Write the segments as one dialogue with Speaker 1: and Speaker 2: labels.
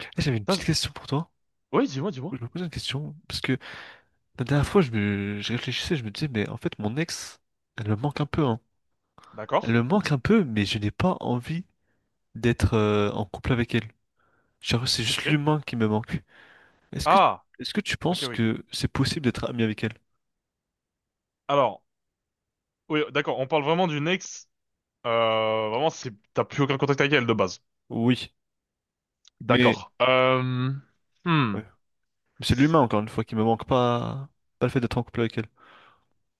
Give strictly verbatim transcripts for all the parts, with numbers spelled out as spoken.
Speaker 1: Eh, J'avais une
Speaker 2: Ça,
Speaker 1: petite
Speaker 2: je-
Speaker 1: question pour toi.
Speaker 2: Oui, dis-moi, dis-moi.
Speaker 1: Je me posais une question parce que la dernière fois, je me, je réfléchissais, je me disais, mais en fait, mon ex, elle me manque un peu, hein. Elle
Speaker 2: D'accord.
Speaker 1: me manque un peu, mais je n'ai pas envie d'être euh, en couple avec elle. Genre, c'est juste
Speaker 2: Ok.
Speaker 1: l'humain qui me manque. Est-ce que,
Speaker 2: Ah,
Speaker 1: est-ce que tu
Speaker 2: ok,
Speaker 1: penses
Speaker 2: oui.
Speaker 1: que c'est possible d'être ami avec elle?
Speaker 2: Alors, oui, d'accord, on parle vraiment d'une ex. Euh, vraiment, c'est, t'as plus aucun contact avec elle de base.
Speaker 1: Oui, mais
Speaker 2: D'accord. Euh, hmm.
Speaker 1: ouais. Mais c'est l'humain encore une fois qui me manque pas, pas le fait d'être en couple avec elle.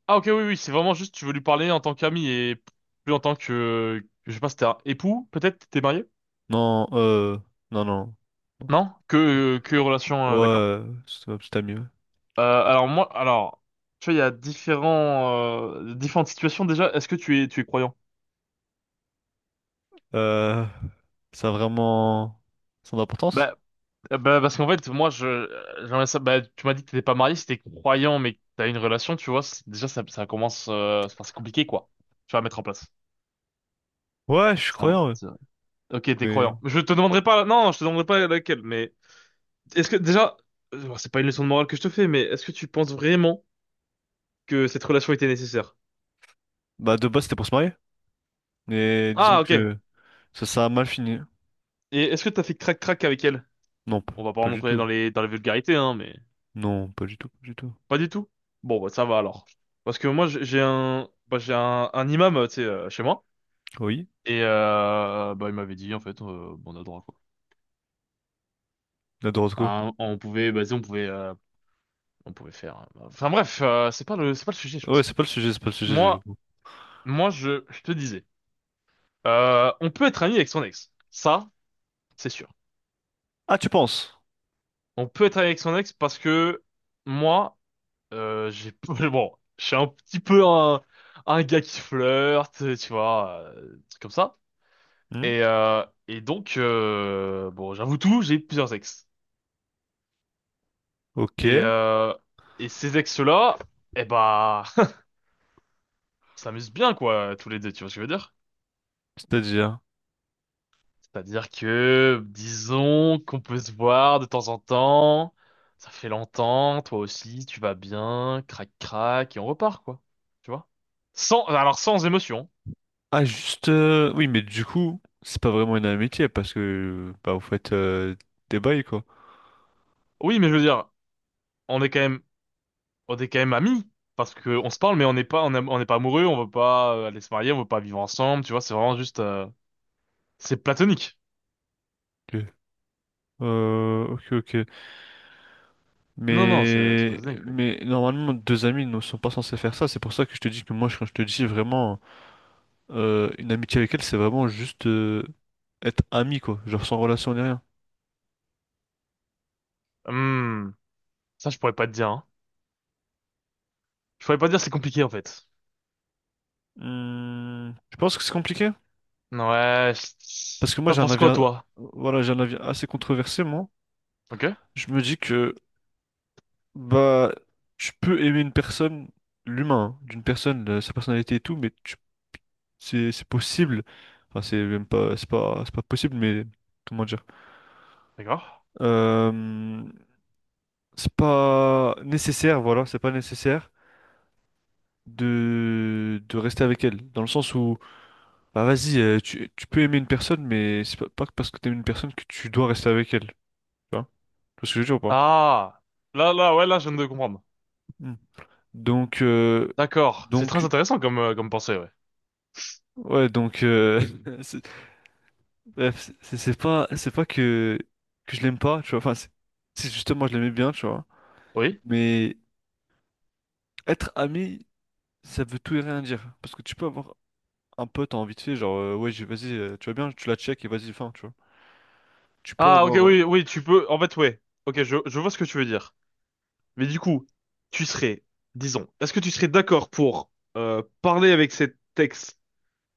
Speaker 2: Ah, ok, oui, oui, c'est vraiment juste, tu veux lui parler en tant qu'ami et plus en tant que, je sais pas, c'était un époux, peut-être, t'es marié?
Speaker 1: Non, euh, non, non.
Speaker 2: Non? Que, que relation, euh, d'accord.
Speaker 1: Ouais, c'est ma petite amie. Ouais.
Speaker 2: Euh, alors moi, alors, tu vois, il y a différents, euh, différentes situations déjà. Est-ce que tu es, tu es croyant?
Speaker 1: Euh, ça a vraiment son importance?
Speaker 2: Bah. Euh, Bah, parce qu'en fait, moi, je, euh, j'aimerais ça, bah, tu m'as dit que t'étais pas marié, si t'es croyant, mais que t'as une relation, tu vois, c'est- déjà, ça, ça commence, euh, enfin, c'est compliqué, quoi. Tu vas mettre en place.
Speaker 1: Ouais, je suis
Speaker 2: C'est vrai,
Speaker 1: croyant, ouais.
Speaker 2: c'est vrai. Ok, t'es
Speaker 1: Mais
Speaker 2: croyant. Je te demanderai pas, non, je te demanderai pas laquelle, mais est-ce que, déjà, euh, bon, c'est pas une leçon de morale que je te fais, mais est-ce que tu penses vraiment que cette relation était nécessaire?
Speaker 1: bah de base c'était pour se marier. Mais disons
Speaker 2: Ah, ok.
Speaker 1: que ça ça a mal fini.
Speaker 2: Et est-ce que t'as fait crac-crac avec elle?
Speaker 1: Non, p-
Speaker 2: On va pas
Speaker 1: pas du
Speaker 2: rentrer
Speaker 1: tout.
Speaker 2: dans les, dans les vulgarités, hein, mais
Speaker 1: Non, pas du tout, pas du tout.
Speaker 2: pas du tout. Bon, bah, ça va alors. Parce que moi, j'ai j'ai un, bah, j'ai un, un imam, tu sais, euh, chez moi.
Speaker 1: Oui,
Speaker 2: Et euh, bah, il m'avait dit, en fait, euh, bon, on a droit, quoi.
Speaker 1: la Dorotko.
Speaker 2: Enfin, on pouvait, vas-y, on pouvait, euh, on pouvait faire. euh, Enfin, bref, euh, c'est pas le, c'est pas le sujet, je
Speaker 1: Ouais,
Speaker 2: pense.
Speaker 1: c'est pas le sujet, c'est pas le sujet du
Speaker 2: Moi,
Speaker 1: coup.
Speaker 2: moi, je, je te disais, euh, on peut être ami avec son ex. Ça, c'est sûr.
Speaker 1: Ah, tu penses?
Speaker 2: On peut être ami avec son ex parce que moi, euh, j'ai, bon, je suis un petit peu un, un gars qui flirte, tu vois, euh, truc comme ça.
Speaker 1: Hmm.
Speaker 2: Et, euh, et donc, euh, bon, j'avoue tout, j'ai plusieurs ex.
Speaker 1: Ok,
Speaker 2: Et, euh, et ces ex-là, eh bah, on s'amuse bien, quoi, tous les deux, tu vois ce que je veux dire?
Speaker 1: c'est-à-dire.
Speaker 2: C'est-à-dire que, disons qu'on peut se voir de temps en temps, ça fait longtemps, toi aussi, tu vas bien, crac crac, et on repart, quoi. Tu vois? Sans, alors sans émotion.
Speaker 1: Ah, juste. euh, Oui, mais du coup, c'est pas vraiment une amitié parce que bah vous faites euh, des bails quoi.
Speaker 2: Oui, mais je veux dire, on est quand même, on est quand même amis, parce que on se parle, mais on n'est pas, on aime- on n'est pas amoureux, on veut pas euh, aller se marier, on veut pas vivre ensemble, tu vois, c'est vraiment juste, euh, c'est platonique.
Speaker 1: Ok. Euh, ok, ok.
Speaker 2: Non, non, c'est c'est
Speaker 1: Mais
Speaker 2: platonique, oui.
Speaker 1: mais normalement deux amis ne sont pas censés faire ça. C'est pour ça que je te dis que moi je- quand je te dis vraiment. Euh, une amitié avec elle, c'est vraiment juste euh, être ami, quoi. Genre sans relation ni rien.
Speaker 2: Hum. Ça, je pourrais pas te dire, hein. Je pourrais pas te dire, c'est compliqué, en fait.
Speaker 1: Hmm, je pense que c'est compliqué.
Speaker 2: Ouais, je-
Speaker 1: Parce que moi,
Speaker 2: T'en
Speaker 1: j'ai un
Speaker 2: penses
Speaker 1: avis,
Speaker 2: quoi,
Speaker 1: a-
Speaker 2: toi?
Speaker 1: voilà, j'ai un avis assez controversé, moi.
Speaker 2: Ok,
Speaker 1: Je me dis que, bah, tu peux aimer une personne, l'humain, hein, d'une personne, euh, sa personnalité et tout, mais tu- c'est, c'est possible. Enfin, c'est même pas, c'est pas, c'est pas possible, mais comment dire?
Speaker 2: d'accord.
Speaker 1: Euh, c'est pas nécessaire, voilà, c'est pas nécessaire de, de rester avec elle. Dans le sens où bah vas-y, euh, tu, tu peux aimer une personne, mais c'est pas, pas que parce que t'aimes une personne que tu dois rester avec elle. Tu vois? Tu vois ce que je veux dire ou pas?
Speaker 2: Ah, là, là, ouais, là, je viens de comprendre.
Speaker 1: Hmm. Donc, euh,
Speaker 2: D'accord, c'est très
Speaker 1: donc,
Speaker 2: intéressant comme, euh, comme pensée, ouais.
Speaker 1: ouais, donc, euh, c'est- bref, c'est c'est c'est pas, c'est pas que, que je l'aime pas, tu vois. Enfin, c'est c'est justement, je l'aimais bien, tu vois.
Speaker 2: Oui?
Speaker 1: Mais être ami, ça veut tout et rien dire. Parce que tu peux avoir un pote en vite fait, genre, euh, ouais, j'ai- vas-y, euh, tu vas bien, tu la check et vas-y, fin, tu vois. Tu peux
Speaker 2: Ah, ok,
Speaker 1: avoir.
Speaker 2: oui, oui, tu peux, en fait, ouais. Ok, je, je vois ce que tu veux dire. Mais du coup, tu serais, disons, est-ce que tu serais d'accord pour euh, parler avec cet ex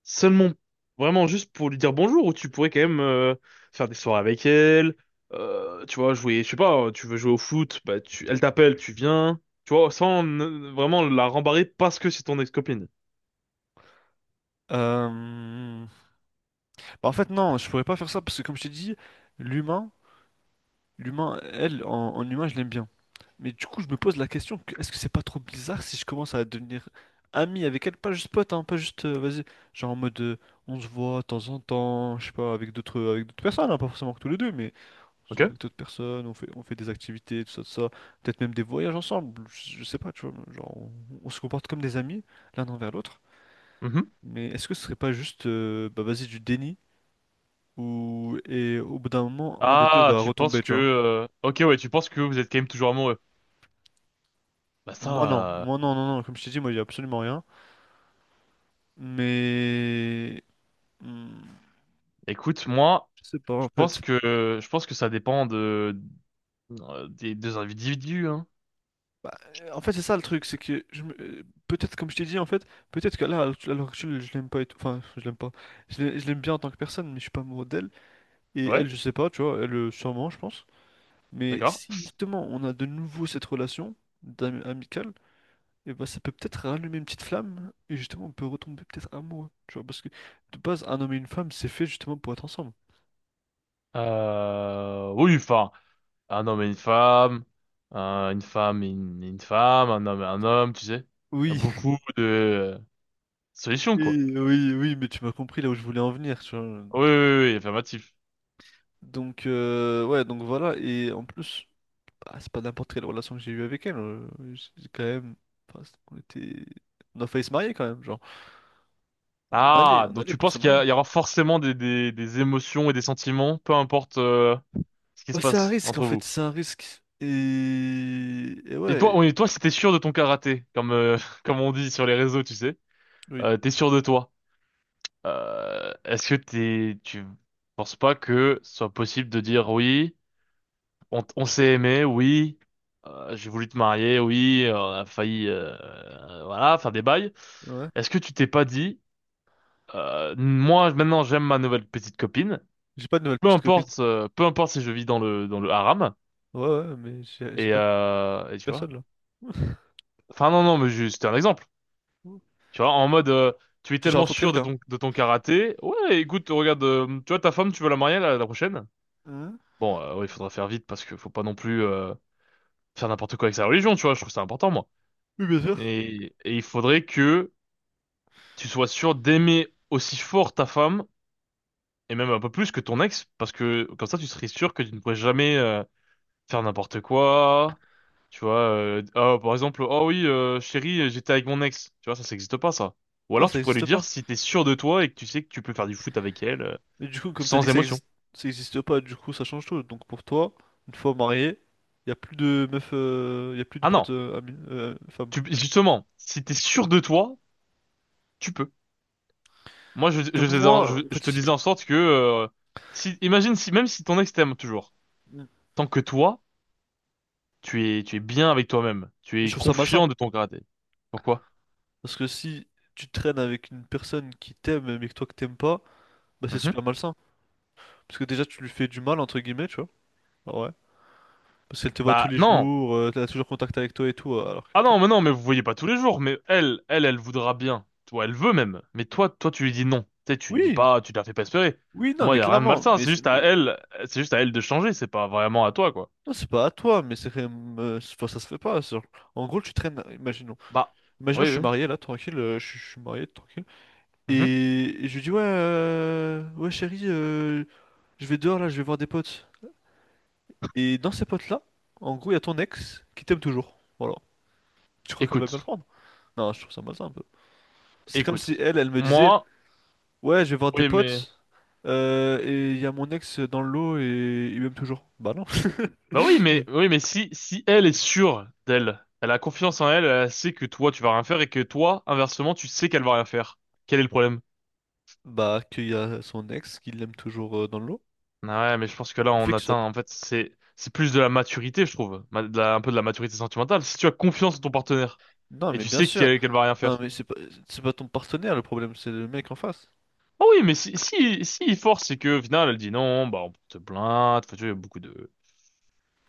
Speaker 2: seulement, vraiment juste pour lui dire bonjour, ou tu pourrais quand même euh, faire des soirées avec elle, euh, tu vois, jouer, je sais pas, tu veux jouer au foot, bah tu, elle t'appelle, tu viens, tu vois, sans euh, vraiment la rembarrer parce que c'est ton ex-copine.
Speaker 1: euh, Bah, en fait, non, je pourrais pas faire ça parce que, comme je t'ai dit, l'humain. L'humain, elle, en, en humain, je l'aime bien. Mais du coup, je me pose la question, que- est-ce que c'est pas trop bizarre si je commence à devenir ami avec elle? Pas juste pote, hein, pas juste, euh, vas-y, genre en mode, euh, on se voit de temps en temps, je sais pas, avec d'autres euh, avec d'autres personnes, hein, pas forcément que tous les deux, mais on se
Speaker 2: Ok?
Speaker 1: voit avec d'autres personnes, on fait, on fait des activités, tout ça, tout ça, peut-être même des voyages ensemble, je, je sais pas, tu vois, genre, on, on se comporte comme des amis, l'un envers l'autre.
Speaker 2: Mhm.
Speaker 1: Mais est-ce que ce serait pas juste, euh, bah vas-y, du déni, ou, et au bout d'un moment, un des deux
Speaker 2: Ah,
Speaker 1: va
Speaker 2: tu penses
Speaker 1: retomber, tu
Speaker 2: que...
Speaker 1: vois?
Speaker 2: euh, Ok, ouais, tu penses que vous êtes quand même toujours amoureux. Bah ça,
Speaker 1: Moi non,
Speaker 2: euh,
Speaker 1: moi non, non, non, comme je t'ai dit, moi il y a absolument rien. Mais hmm,
Speaker 2: Écoute, moi,
Speaker 1: je sais pas
Speaker 2: je
Speaker 1: en
Speaker 2: pense
Speaker 1: fait.
Speaker 2: que je pense que ça dépend de euh, des deux individus, hein.
Speaker 1: Bah, euh, en fait c'est ça le truc, c'est que je me- euh, peut-être comme je t'ai dit en fait, peut-être que là à l'heure à l'heure actuelle je l'aime pas et tout. Enfin je l'aime pas. Je l'ai- je l'aime bien en tant que personne, mais je suis pas amoureux d'elle. Et
Speaker 2: Ouais,
Speaker 1: elle je sais pas, tu vois, elle euh, sûrement je pense. Mais
Speaker 2: d'accord.
Speaker 1: si justement on a de nouveau cette relation d'ami- amicale, et bah ça peut peut-être rallumer une petite flamme et justement on peut retomber peut-être amoureux. Tu vois, parce que de base un homme et une femme c'est fait justement pour être ensemble.
Speaker 2: Euh, oui, enfin. Un homme et une femme, un- une femme et une, et une femme, un homme et un homme, tu sais. Il y a
Speaker 1: Oui,
Speaker 2: beaucoup de euh, solutions, quoi.
Speaker 1: oui, oui, oui, mais tu m'as compris là où je voulais en venir, tu vois.
Speaker 2: Oui, oui, oui, oui, affirmatif.
Speaker 1: Donc, euh, ouais, donc voilà, et en plus, bah, c'est pas n'importe quelle relation que j'ai eue avec elle, euh, j'ai quand même, enfin, c'est- on était, on a failli se marier quand même, genre, on allait,
Speaker 2: Ah,
Speaker 1: on
Speaker 2: donc
Speaker 1: allait
Speaker 2: tu
Speaker 1: pour se
Speaker 2: penses qu'il y,
Speaker 1: marier.
Speaker 2: a- il y aura forcément des, des, des émotions et des sentiments, peu importe euh, ce qui se
Speaker 1: Bah, c'est un
Speaker 2: passe
Speaker 1: risque en
Speaker 2: entre
Speaker 1: fait,
Speaker 2: vous.
Speaker 1: c'est un risque, et, et
Speaker 2: Et
Speaker 1: ouais,
Speaker 2: toi, oui, et toi, si t'es sûr de ton karaté, comme euh, comme on dit sur les réseaux, tu sais,
Speaker 1: oui,
Speaker 2: euh, t'es sûr de toi. Euh, est-ce que t'es, tu penses pas que ce soit possible de dire oui? On, t- on s'est aimé, oui. Euh, j'ai voulu te marier, oui. Euh, On a failli, euh, euh, voilà, faire des bails.
Speaker 1: ouais,
Speaker 2: Est-ce que tu t'es pas dit, euh, moi maintenant j'aime ma nouvelle petite copine.
Speaker 1: j'ai pas de nouvelle
Speaker 2: Peu
Speaker 1: petite copine,
Speaker 2: importe, euh, peu importe si je vis dans le dans le haram.
Speaker 1: ouais, ouais, mais j'ai j'ai
Speaker 2: Et,
Speaker 1: pas de
Speaker 2: euh, et tu vois.
Speaker 1: personne là.
Speaker 2: Enfin non non, mais juste c'était un exemple. Tu vois, en mode, euh, tu es
Speaker 1: J'ai
Speaker 2: tellement
Speaker 1: rencontré
Speaker 2: sûr de
Speaker 1: quelqu'un.
Speaker 2: ton de ton karaté. Ouais, écoute, regarde, euh, tu vois ta femme, tu veux la marier la, la prochaine?
Speaker 1: Hein.
Speaker 2: Bon, euh, ouais, il faudra faire vite parce que faut pas non plus euh, faire n'importe quoi avec sa religion. Tu vois, je trouve ça important, moi.
Speaker 1: Oui, bien sûr.
Speaker 2: Et, et il faudrait que tu sois sûr d'aimer aussi fort ta femme, et même un peu plus que ton ex, parce que comme ça tu serais sûr que tu ne pourrais jamais euh, faire n'importe quoi. Tu vois, euh, ah, par exemple, oh oui, euh, chérie, j'étais avec mon ex. Tu vois, ça, ça n'existe pas, ça. Ou
Speaker 1: Non,
Speaker 2: alors tu
Speaker 1: ça
Speaker 2: pourrais lui
Speaker 1: existe pas.
Speaker 2: dire si t'es sûr de toi et que tu sais que tu peux faire du foot avec elle euh,
Speaker 1: Mais du coup, comme t'as dit
Speaker 2: sans
Speaker 1: que ça
Speaker 2: émotion.
Speaker 1: existe, ça existe pas, du coup, ça change tout. Donc pour toi, une fois marié, y a plus de meufs, euh, y a plus de
Speaker 2: Ah
Speaker 1: potes
Speaker 2: non,
Speaker 1: euh, amis, euh, femmes.
Speaker 2: tu, justement, si t'es sûr de toi, tu peux. Moi, je,
Speaker 1: Que
Speaker 2: je, faisais en-
Speaker 1: moi,
Speaker 2: je-
Speaker 1: en
Speaker 2: je
Speaker 1: fait,
Speaker 2: te disais
Speaker 1: j'explique-
Speaker 2: en sorte que, euh, si, imagine si, même si ton ex t'aime toujours, tant que toi, tu es, tu es bien avec toi-même. Tu
Speaker 1: Je
Speaker 2: es
Speaker 1: trouve ça malsain.
Speaker 2: confiant de ton karaté. Pourquoi?
Speaker 1: Parce que si tu traînes avec une personne qui t'aime, mais que toi que t'aimes pas, bah c'est
Speaker 2: Mhm.
Speaker 1: super malsain. Parce que déjà, tu lui fais du mal, entre guillemets, tu vois. Ah ouais. Parce qu'elle te voit tous
Speaker 2: Bah
Speaker 1: les
Speaker 2: non.
Speaker 1: jours, euh, elle a toujours contact avec toi et tout, euh, alors que...
Speaker 2: Ah
Speaker 1: t'as-
Speaker 2: non, mais non, mais vous voyez pas tous les jours. Mais elle, elle, elle voudra bien. Toi, elle veut même. Mais toi, toi, tu lui dis non. Tu sais, tu lui dis
Speaker 1: Oui,
Speaker 2: pas, tu la fais pas espérer.
Speaker 1: oui, non,
Speaker 2: Moi,
Speaker 1: mais
Speaker 2: y a rien de
Speaker 1: clairement,
Speaker 2: malsain.
Speaker 1: mais,
Speaker 2: C'est
Speaker 1: c'est-
Speaker 2: juste à
Speaker 1: mais-
Speaker 2: elle, c'est juste à elle de changer. C'est pas vraiment à toi, quoi.
Speaker 1: non, c'est pas à toi, mais c'est quand même, euh, c'est- enfin, ça se fait pas, genre. En gros, tu traînes, imaginons.
Speaker 2: Bah,
Speaker 1: Imaginons,
Speaker 2: oui,
Speaker 1: je suis
Speaker 2: oui.
Speaker 1: marié là, tranquille, euh, je, suis je suis marié, tranquille.
Speaker 2: Mhm.
Speaker 1: Et, et je lui dis, ouais, euh, ouais chérie, euh, je vais dehors là, je vais voir des potes. Et dans ces potes là, en gros, il y a ton ex qui t'aime toujours. Voilà. Tu crois qu'elle va bien le
Speaker 2: Écoute,
Speaker 1: prendre? Non, je trouve ça malsain un peu. C'est comme
Speaker 2: écoute.
Speaker 1: si elle, elle me disait,
Speaker 2: Moi,
Speaker 1: ouais, je vais voir des
Speaker 2: oui, mais.
Speaker 1: potes, euh, et il y a mon ex dans le lot et il m'aime toujours. Bah non.
Speaker 2: Bah oui, mais oui, mais si si elle est sûre d'elle, elle a confiance en elle, elle sait que toi tu vas rien faire et que toi, inversement, tu sais qu'elle va rien faire. Quel est le problème?
Speaker 1: Bah, qu'il y a son ex qui l'aime toujours euh, dans le lot.
Speaker 2: Ah ouais, mais je pense que là
Speaker 1: Le
Speaker 2: on
Speaker 1: fait qu'il
Speaker 2: atteint
Speaker 1: soit.
Speaker 2: en fait c'est c'est plus de la maturité, je trouve, Ma- de la- un peu de la maturité sentimentale. Si tu as confiance en ton partenaire
Speaker 1: Non,
Speaker 2: et
Speaker 1: mais
Speaker 2: tu
Speaker 1: bien
Speaker 2: sais
Speaker 1: sûr.
Speaker 2: qu'elle qu'elle va rien
Speaker 1: Non,
Speaker 2: faire.
Speaker 1: mais c'est pas, c'est pas ton partenaire le problème, c'est le mec en face.
Speaker 2: Ah oui, mais si si si il force c'est que au final elle dit non, bah on porte plainte, enfin, tu vois, il y a beaucoup de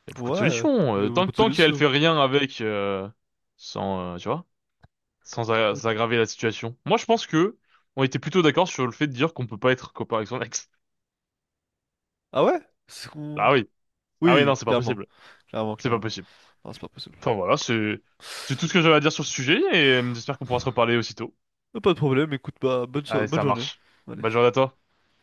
Speaker 2: il y a beaucoup
Speaker 1: Ouais,
Speaker 2: de
Speaker 1: euh,
Speaker 2: solutions. Euh, tant
Speaker 1: beaucoup
Speaker 2: que-
Speaker 1: de
Speaker 2: tant qu'elle
Speaker 1: solutions.
Speaker 2: fait rien avec euh, sans euh, tu vois. Sans a- sans
Speaker 1: Ok.
Speaker 2: aggraver la situation. Moi, je pense que on était plutôt d'accord sur le fait de dire qu'on peut pas être copain avec son ex.
Speaker 1: Ah ouais? C'est
Speaker 2: Ah
Speaker 1: qu'on-
Speaker 2: oui, ah oui, non,
Speaker 1: Oui,
Speaker 2: c'est pas
Speaker 1: clairement.
Speaker 2: possible,
Speaker 1: Clairement,
Speaker 2: c'est pas
Speaker 1: clairement.
Speaker 2: possible.
Speaker 1: Non, c'est pas possible.
Speaker 2: Enfin voilà, c'est c'est tout ce que j'avais à dire sur ce sujet et euh, j'espère qu'on pourra se reparler aussitôt.
Speaker 1: Euh, Pas de problème, écoute, bah, bonne, so-
Speaker 2: Allez,
Speaker 1: bonne
Speaker 2: ça
Speaker 1: journée.
Speaker 2: marche.
Speaker 1: Allez.
Speaker 2: Bonne journée à toi.